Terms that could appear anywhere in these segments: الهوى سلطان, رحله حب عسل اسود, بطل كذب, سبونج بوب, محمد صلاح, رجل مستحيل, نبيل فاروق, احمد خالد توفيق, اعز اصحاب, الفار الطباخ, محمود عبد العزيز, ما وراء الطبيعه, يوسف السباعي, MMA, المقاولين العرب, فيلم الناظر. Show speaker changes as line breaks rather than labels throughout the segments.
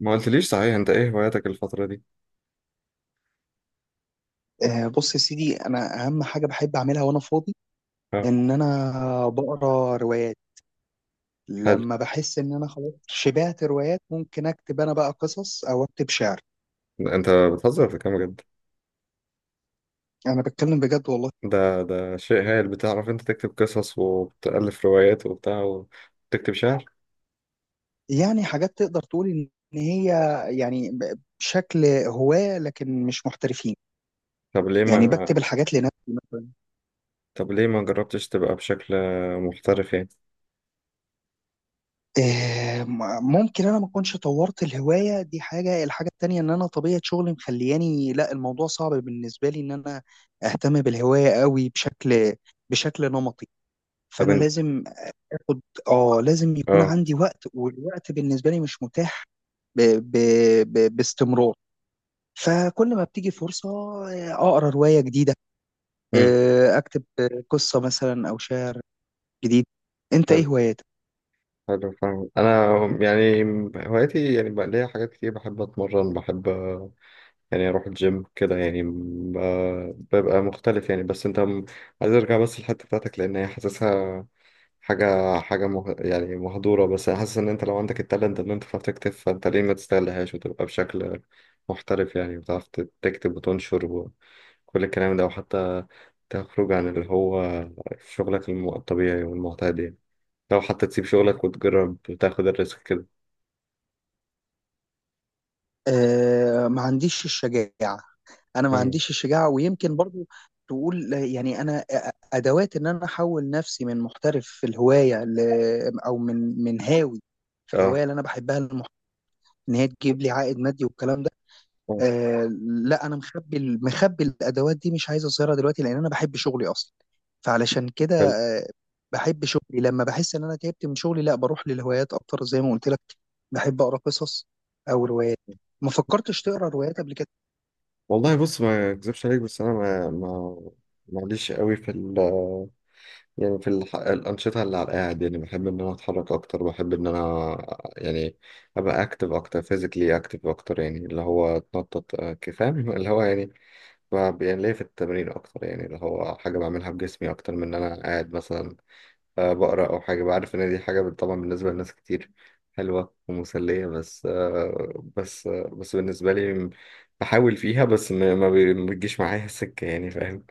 ما قلتليش صحيح، انت ايه هواياتك الفترة دي؟
بص يا سيدي، انا اهم حاجه بحب اعملها وانا فاضي،
اه.
ان انا بقرا روايات.
حلو.
لما بحس ان انا خلاص شبعت روايات، ممكن اكتب انا بقى قصص او اكتب شعر.
انت بتهزر في كام بجد؟
انا بتكلم بجد والله.
ده شيء هايل، بتعرف انت تكتب قصص وبتألف روايات وبتاع وتكتب شعر؟
يعني حاجات تقدر تقول ان هي، يعني بشكل هواة لكن مش محترفين.
طب ليه
يعني
ما
بكتب الحاجات لنفسي.
طب ليه ما جربتش تبقى بشكل محترف يعني؟
ممكن انا ما اكونش طورت الهوايه دي حاجه. الحاجه التانيه ان انا طبيعه شغلي مخلياني، لا الموضوع صعب بالنسبه لي ان انا اهتم بالهوايه قوي بشكل نمطي.
طب
فانا
انت.
لازم اخد. اه، لازم يكون
اه.
عندي وقت، والوقت بالنسبه لي مش متاح ب... ب... باستمرار. فكل ما بتيجي فرصه، اقرا روايه جديده،
امم
اكتب قصه مثلا او شعر جديد. انت
حلو.
ايه هواياتك؟
حلو، فاهم انا يعني. هواياتي يعني بقى ليا حاجات كتير، بحب اتمرن، بحب يعني اروح الجيم كده يعني، ببقى مختلف يعني. بس انت، عايز ارجع بس الحتة بتاعتك لان هي حاسسها حاجة يعني مهدورة، بس أنا حاسس إن أنت لو عندك التالنت إن أنت تعرف تكتب، فأنت ليه ما تستغلهاش وتبقى بشكل محترف يعني، وتعرف تكتب وتنشر وكل الكلام ده، وحتى تخرج عن اللي هو شغلك الطبيعي والمعتاد يعني، لو حتى تسيب شغلك وتجرب وتاخد الريسك كده.
ما عنديش الشجاعة. أنا ما
امم.
عنديش الشجاعة، ويمكن برضو تقول يعني أنا أدوات إن أنا أحول نفسي من محترف في الهواية ل... أو من هاوي في الهواية
اه.
اللي أنا بحبها، المح... إن هي تجيب لي عائد مادي والكلام ده.
آه،
لا، انا مخبي الادوات دي، مش عايز اظهرها دلوقتي لان انا بحب شغلي اصلا. فعلشان كده.
حلو.
آه بحب شغلي. لما بحس ان انا تعبت من شغلي، لا بروح للهوايات اكتر زي ما قلت لك. بحب اقرا قصص او روايات. ما فكرتش تقرا روايات قبل كده؟
والله بص، ما أكذبش عليك، بس أنا ما معليش قوي في يعني في الأنشطة اللي على القاعد، يعني بحب إن أنا أتحرك أكتر، بحب إن أنا يعني أبقى أكتف أكتر، فيزيكلي أكتف أكتر، يعني اللي هو أتنطط، فاهم، اللي هو يعني يعني ليا في التمرين أكتر يعني، اللي هو حاجة بعملها بجسمي أكتر من إن أنا قاعد مثلا بقرأ أو حاجة، بعرف إن دي حاجة طبعا بالنسبة لناس كتير حلوة ومسلية، بس بالنسبة لي، بحاول فيها، بس ما بتجيش معايا السكة يعني، فاهم.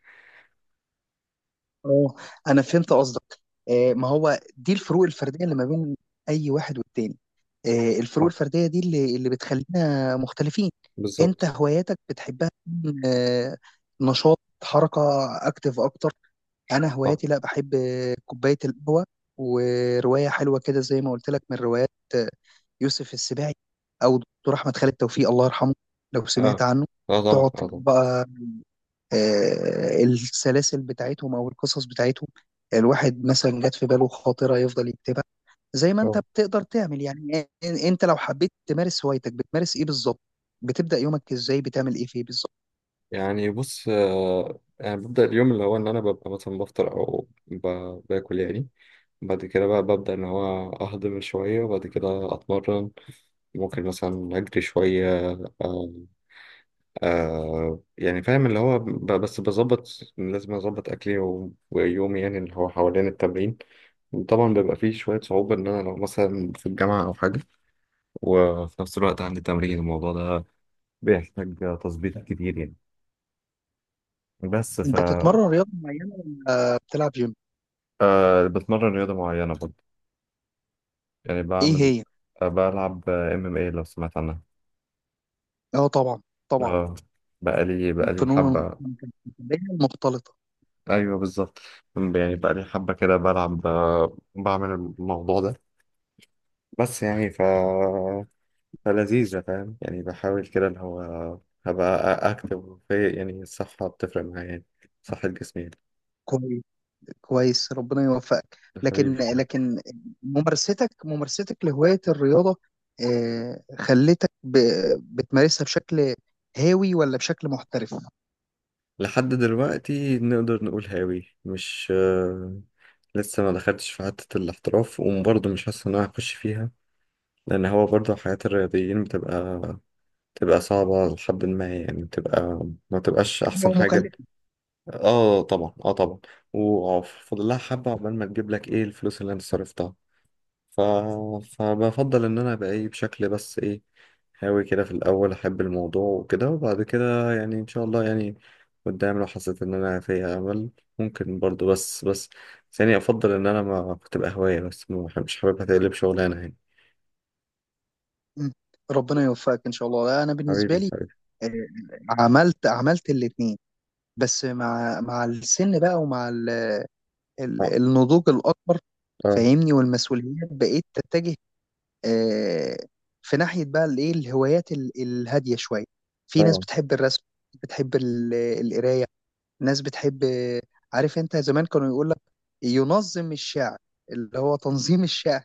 اه، انا فهمت قصدك. ما هو دي الفروق الفرديه اللي ما بين اي واحد والتاني. الفروق
آه،
الفرديه دي اللي بتخلينا مختلفين. انت
بالظبط.
هواياتك بتحبها تكون، نشاط، حركه، اكتف اكتر. انا
آه.
هواياتي، لا، بحب كوبايه القهوه وروايه حلوه كده زي ما قلت لك، من روايات يوسف السباعي او دكتور احمد خالد توفيق الله يرحمه، لو سمعت
آه.
عنه.
اه طبعا،
تقعد
اه طبعا.
بقى السلاسل بتاعتهم او القصص بتاعتهم. الواحد مثلا جات في باله خاطره يفضل يكتبها زي ما انت
اه.
بتقدر تعمل. يعني انت لو حبيت تمارس هوايتك، بتمارس ايه بالظبط؟ بتبدا يومك ازاي؟ بتعمل ايه فيه بالظبط؟
يعني بص، يعني ببدأ اليوم اللي هو إن أنا ببقى مثلا بفطر أو باكل يعني، بعد كده بقى ببدأ إن هو أهضم شوية، وبعد كده أتمرن، ممكن مثلا أجري شوية. آه. آه، يعني فاهم اللي هو بس بظبط، لازم أظبط أكلي و... ويومي يعني اللي هو حوالين التمرين. طبعا بيبقى فيه شوية صعوبة، إن أنا لو مثلا في الجامعة أو حاجة، وفي نفس الوقت عندي تمرين، الموضوع ده بيحتاج تظبيط كتير يعني، بس ف
بتتمرن رياضه معينه ولا بتلعب جيم؟
أه، بتمرن رياضة معينة برضه، يعني
ايه
بعمل
هي؟
أه بلعب MMA، لو سمعت عنها.
اه، طبعا، طبعا.
اه. بقالي
فنون
حبة.
المقتبلة المختلطه.
ايوه بالظبط، يعني بقالي حبة كده بلعب، أه بعمل الموضوع ده، بس يعني ف فلذيذة فاهم، يعني بحاول كده اللي هو هبقى اكتب في يعني الصحة بتفرق معايا يعني، صحة جسمي يعني.
كويس. كويس، ربنا يوفقك، لكن
حبيبي، حبيبي.
لكن ممارستك لهواية الرياضة، خلتك بتمارسها بشكل هاوي ولا بشكل محترف؟
لحد دلوقتي نقدر نقول هاوي، مش لسه ما دخلتش في حتة الاحتراف، وبرضه مش حاسس إن أنا هخش فيها، لأن هو برضه حياة الرياضيين بتبقى صعبة، لحد ما يعني بتبقى ما تبقاش أحسن
أو
حاجة.
مكلف؟
آه طبعا، آه طبعا. وفضلها حبة عقبال ما تجيب لك إيه الفلوس اللي أنت صرفتها، ف... فبفضل ان انا ابقى ايه، بشكل بس ايه، هاوي كده في الاول، احب الموضوع وكده، وبعد كده يعني ان شاء الله يعني قدام، لو حسيت ان انا فيها امل ممكن برضو، بس بس بس يعني افضل ان انا ما تبقى هواية، بس ما بحب- مش حاببها تقلب شغلانة يعني.
مم. ربنا يوفقك إن شاء الله. أنا بالنسبة
حبيبي،
لي
حبيبي.
آه، عملت الاتنين، بس مع السن بقى ومع
اه.
النضوج الأكبر،
اه.
فاهمني، والمسؤوليات بقيت تتجه آه، في ناحية بقى، الايه، الهوايات الهادية شوية. في ناس
اه.
بتحب الرسم، بتحب القراية، ناس بتحب، عارف انت زمان كانوا يقول لك ينظم الشعر، اللي هو تنظيم الشعر،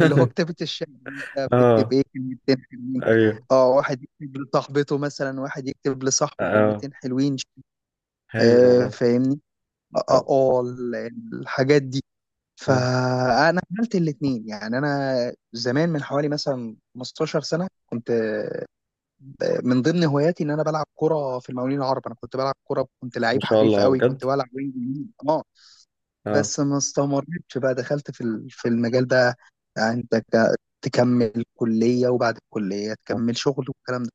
اللي هو كتابة الشعر. انت بتكتب
اه.
ايه؟ كلمتين حلوين.
ايوه.
اه، واحد يكتب لصاحبته مثلا، واحد يكتب
اه.
لصاحبه
آه.
كلمتين حلوين.
هايل والله.
فاهمني، اه،
اه.
الحاجات دي.
اه.
فانا عملت الاثنين، يعني انا زمان من حوالي مثلا 15 سنه، كنت من ضمن هواياتي ان انا بلعب كره في المقاولين العرب. انا كنت بلعب كره، كنت
ما
لعيب
شاء
حريف
الله، آه،
قوي،
بجد.
كنت بلعب وينج يمين. اه،
اه.
بس ما استمرتش بقى، دخلت في المجال ده. يعني انت تكمل كليه، وبعد الكليه
صح،
تكمل شغل والكلام ده.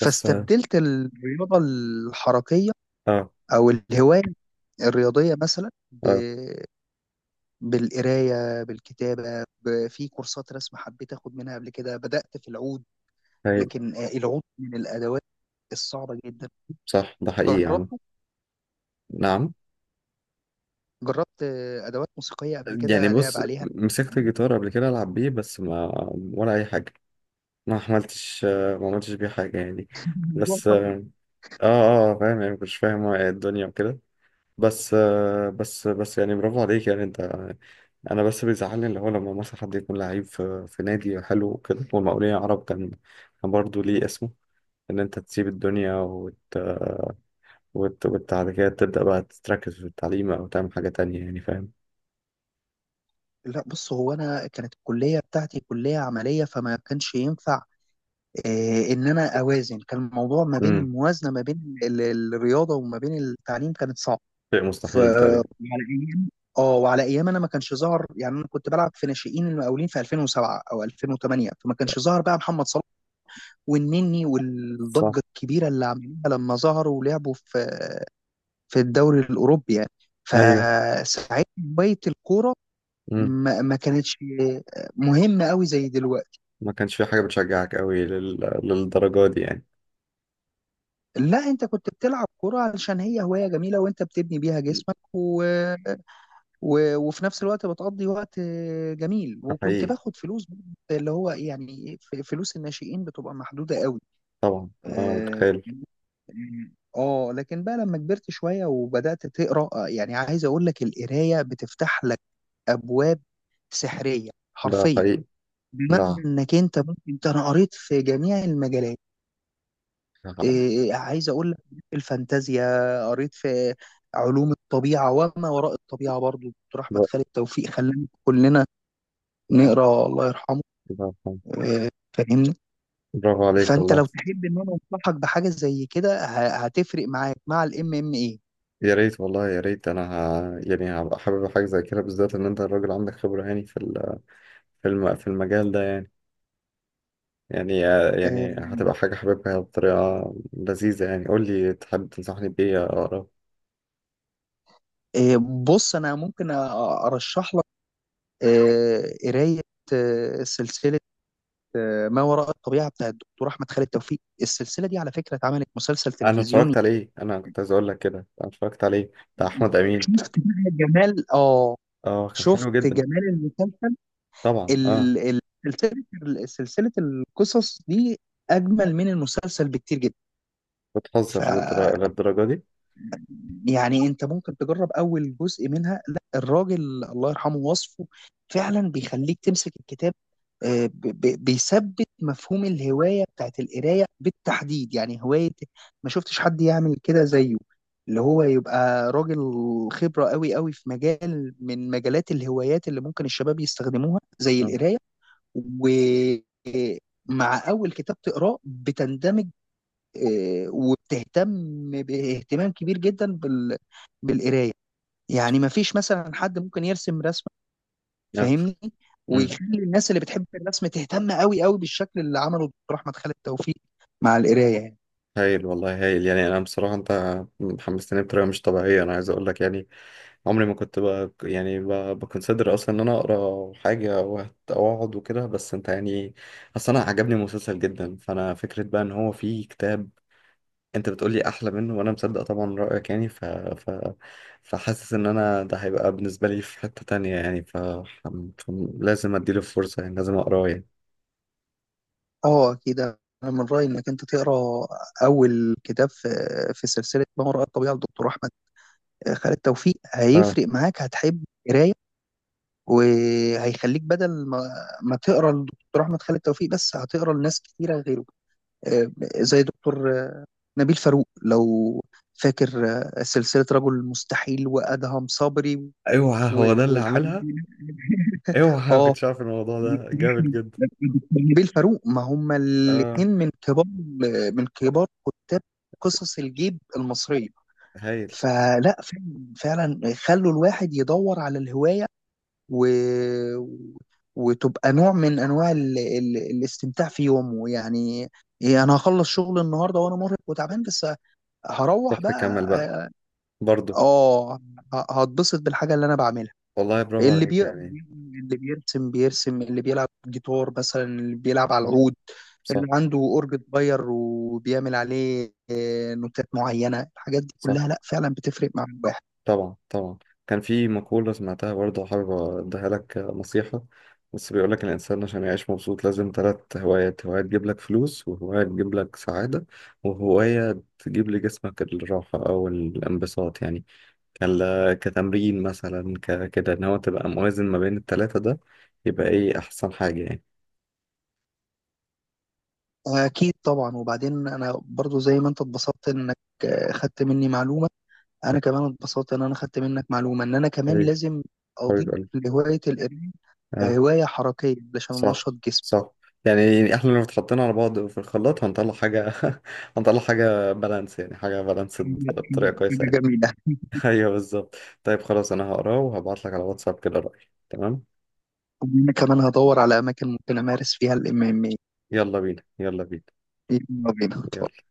بس اه.
الرياضه الحركيه
اه.
او الهوايه الرياضيه مثلا،
آه،
بالقراية، بالكتابة، في كورسات رسم حبيت أخد منها قبل كده، بدأت في العود.
هايل.
لكن العود من الأدوات الصعبة جدا.
صح، ده حقيقي يا عم.
جربته.
نعم.
جربت أدوات موسيقية قبل
يعني
كده لعب
بص،
عليها.
مسكت الجيتار قبل كده، العب بيه بس ما ولا اي حاجه، ما عملتش ما عملتش بيه حاجه يعني.
الموضوع
بس
صعب.
اه. اه فاهم يعني، مش فاهم الدنيا وكده، بس آه بس بس يعني برافو عليك يعني انت. انا بس بيزعلني اللي هو لما مثلا حد يكون لعيب في نادي حلو وكده، والمقاولين العرب كان، كان برضه ليه اسمه، ان انت تسيب الدنيا بعد كده تبدا بقى تركز في التعليم او تعمل حاجه تانية يعني، فاهم.
لا، بص هو أنا كانت الكلية بتاعتي كلية عملية فما كانش ينفع إن أنا أوازن. كان الموضوع ما بين
امم.
الموازنة ما بين الرياضة وما بين التعليم، كانت صعبة.
شيء مستحيل تقريبا.
وعلى ايام، اه، وعلى ايام انا ما كانش ظهر، يعني انا كنت بلعب في ناشئين المقاولين في 2007 او 2008، فما كانش ظهر بقى محمد صلاح والنني
صح.
والضجه الكبيره اللي عملوها لما ظهروا ولعبوا في الدوري الاوروبي يعني.
ايوه.
فساعتها هوايه الكوره
مم.
ما كانتش مهمه قوي زي دلوقتي.
ما كانش في حاجة بتشجعك قوي للدرجة دي يعني.
لا، انت كنت بتلعب كوره علشان هي هوايه جميله، وانت بتبني بيها جسمك و وفي نفس الوقت بتقضي وقت جميل،
ده
وكنت
حقيقي.
باخد فلوس اللي هو يعني فلوس الناشئين بتبقى محدودة قوي.
طبعا. اه
اه،
متخيل.
لكن بقى لما كبرت شوية وبدأت تقرأ، يعني عايز اقول لك، القراية بتفتح لك ابواب سحرية
ده
حرفيا،
حقيقي.
بمعنى
ده.
انك انت ممكن، انت انا قريت في جميع المجالات.
برافو.
إيه عايز اقول لك، الفانتازيا، قريت في علوم الطبيعه وما وراء الطبيعه. برضو دكتور احمد خالد توفيق خلانا كلنا نقرا، الله يرحمه.
برافو.
آه، فاهمني.
برافو عليك
فانت
والله.
لو تحب ان انا انصحك بحاجه زي كده، هتفرق معاك مع الام ام ايه.
يا ريت والله، يا ريت انا يعني هبقى حابب حاجة زي كده، بالذات ان انت الراجل عندك خبرة يعني في في المجال ده يعني، يعني، يعني هتبقى حاجة حاببها بطريقة لذيذة يعني. قول لي تحب تنصحني بإيه أقرأ.
بص انا ممكن ارشح لك قرايه، سلسله، ما وراء الطبيعه بتاع الدكتور احمد خالد توفيق. السلسله دي على فكره اتعملت مسلسل
أنا
تلفزيوني.
اتفرجت عليه، أنا كنت عايز أقول لك كده، أنا اتفرجت عليه بتاع أحمد أمين.
شفت بقى جمال؟ اه،
أه كان
شفت
حلو جدا.
جمال المسلسل.
طبعا، اه.
ال- ال- سلسله القصص دي اجمل من المسلسل بكتير جدا.
بتهزر
ف
للدرجة دي.
يعني انت ممكن تجرب اول جزء منها. لا، الراجل الله يرحمه وصفه فعلا بيخليك تمسك الكتاب. بيثبت مفهوم الهوايه بتاعت القرايه بالتحديد، يعني هوايه ما شفتش حد يعمل كده زيه، اللي هو يبقى راجل خبره قوي قوي في مجال من مجالات الهوايات اللي ممكن الشباب يستخدموها زي
اه.
القرايه. و مع اول كتاب تقراه بتندمج، إيه، وبتهتم باهتمام كبير جدا بالقرايه. يعني ما فيش مثلا حد ممكن يرسم رسمه،
نعم.
فاهمني،
امم.
ويخلي الناس اللي بتحب الرسم تهتم قوي قوي بالشكل اللي عمله دكتور احمد خالد توفيق مع القرايه يعني.
هايل والله، هايل، يعني انا بصراحة انت حمستني بطريقة مش طبيعية، انا عايز اقول لك يعني عمري ما كنت بقى يعني بكونسيدر اصلا ان انا اقرا حاجة او اقعد وكده، بس انت يعني اصلا انا عجبني المسلسل جدا، فانا فكرة بقى ان هو فيه كتاب انت بتقولي احلى منه، وانا مصدق طبعا رأيك يعني، فحاسس ان انا ده هيبقى بالنسبة لي في حتة تانية يعني، لازم اديله فرصة يعني، لازم اقراه يعني.
اه، كده انا من رايي انك انت تقرا اول كتاب في سلسله ما وراء الطبيعه لدكتور احمد خالد توفيق، هيفرق معاك، هتحب القرايه، وهيخليك بدل ما تقرا لدكتور احمد خالد توفيق بس، هتقرا لناس كتيره غيره، زي دكتور نبيل فاروق، لو فاكر، سلسلة رجل مستحيل وأدهم صبري
اوعى هو ده اللي
والحاجات
عاملها.
دي.
اوعى ما
اه،
كنتش عارف الموضوع ده جامد جدا.
نبيل فاروق، ما هما
اه.
الاثنين من كبار كتاب قصص الجيب المصرية.
هايل.
فلا، فعلا فعلا خلوا الواحد يدور على الهواية، و... وتبقى نوع من انواع الاستمتاع في يومه يعني. إيه، انا هخلص شغل النهارده وانا مرهق وتعبان بس هروح
روح تكمل بقى
بقى.
برضو.
اه، آه، هتبسط بالحاجه اللي انا بعملها.
والله برافو
اللي
عليك
بيقرا
يعني.
بيقرا، اللي بيرسم بيرسم، اللي بيلعب جيتار مثلا، اللي بيلعب على
صح.
العود،
صح.
اللي عنده اورج صغير وبيعمل عليه نوتات معينه، الحاجات دي
صح.
كلها لا فعلا بتفرق مع الواحد.
طبعا طبعا. كان في مقولة سمعتها برضو، حابب اديها لك نصيحة، بس بيقول لك الإنسان عشان يعيش مبسوط لازم 3 هوايات، هواية تجيب لك فلوس، وهواية تجيب لك سعادة، وهواية تجيب لجسمك الراحة أو الانبساط يعني، كتمرين مثلا كده، ان هو تبقى موازن ما بين التلاتة ده، يبقى ايه احسن حاجة يعني.
اكيد طبعا. وبعدين انا برضو زي ما انت اتبسطت انك خدت مني معلومه، انا كمان اتبسطت ان انا خدت منك معلومه، ان انا كمان
حبيبي،
لازم اضيف
حبيب قلبي.
لهوايه القرايه
اه.
هوايه حركيه علشان
صح.
انشط جسمي.
صح. يعني احنا لو اتحطينا على بعض في الخلاط هنطلع حاجة، هنطلع حاجة بالانس يعني، حاجة بالانس
حاجة
بطريقة كويسة
حاجة
يعني.
جميلة.
ايوه بالظبط. طيب خلاص، انا هقراه وهبعت لك على واتساب كده رأيي. تمام.
وأنا كمان هدور على أماكن ممكن أمارس فيها ال MMA.
يلا بينا، يلا بينا.
يلا بينا.
يلا.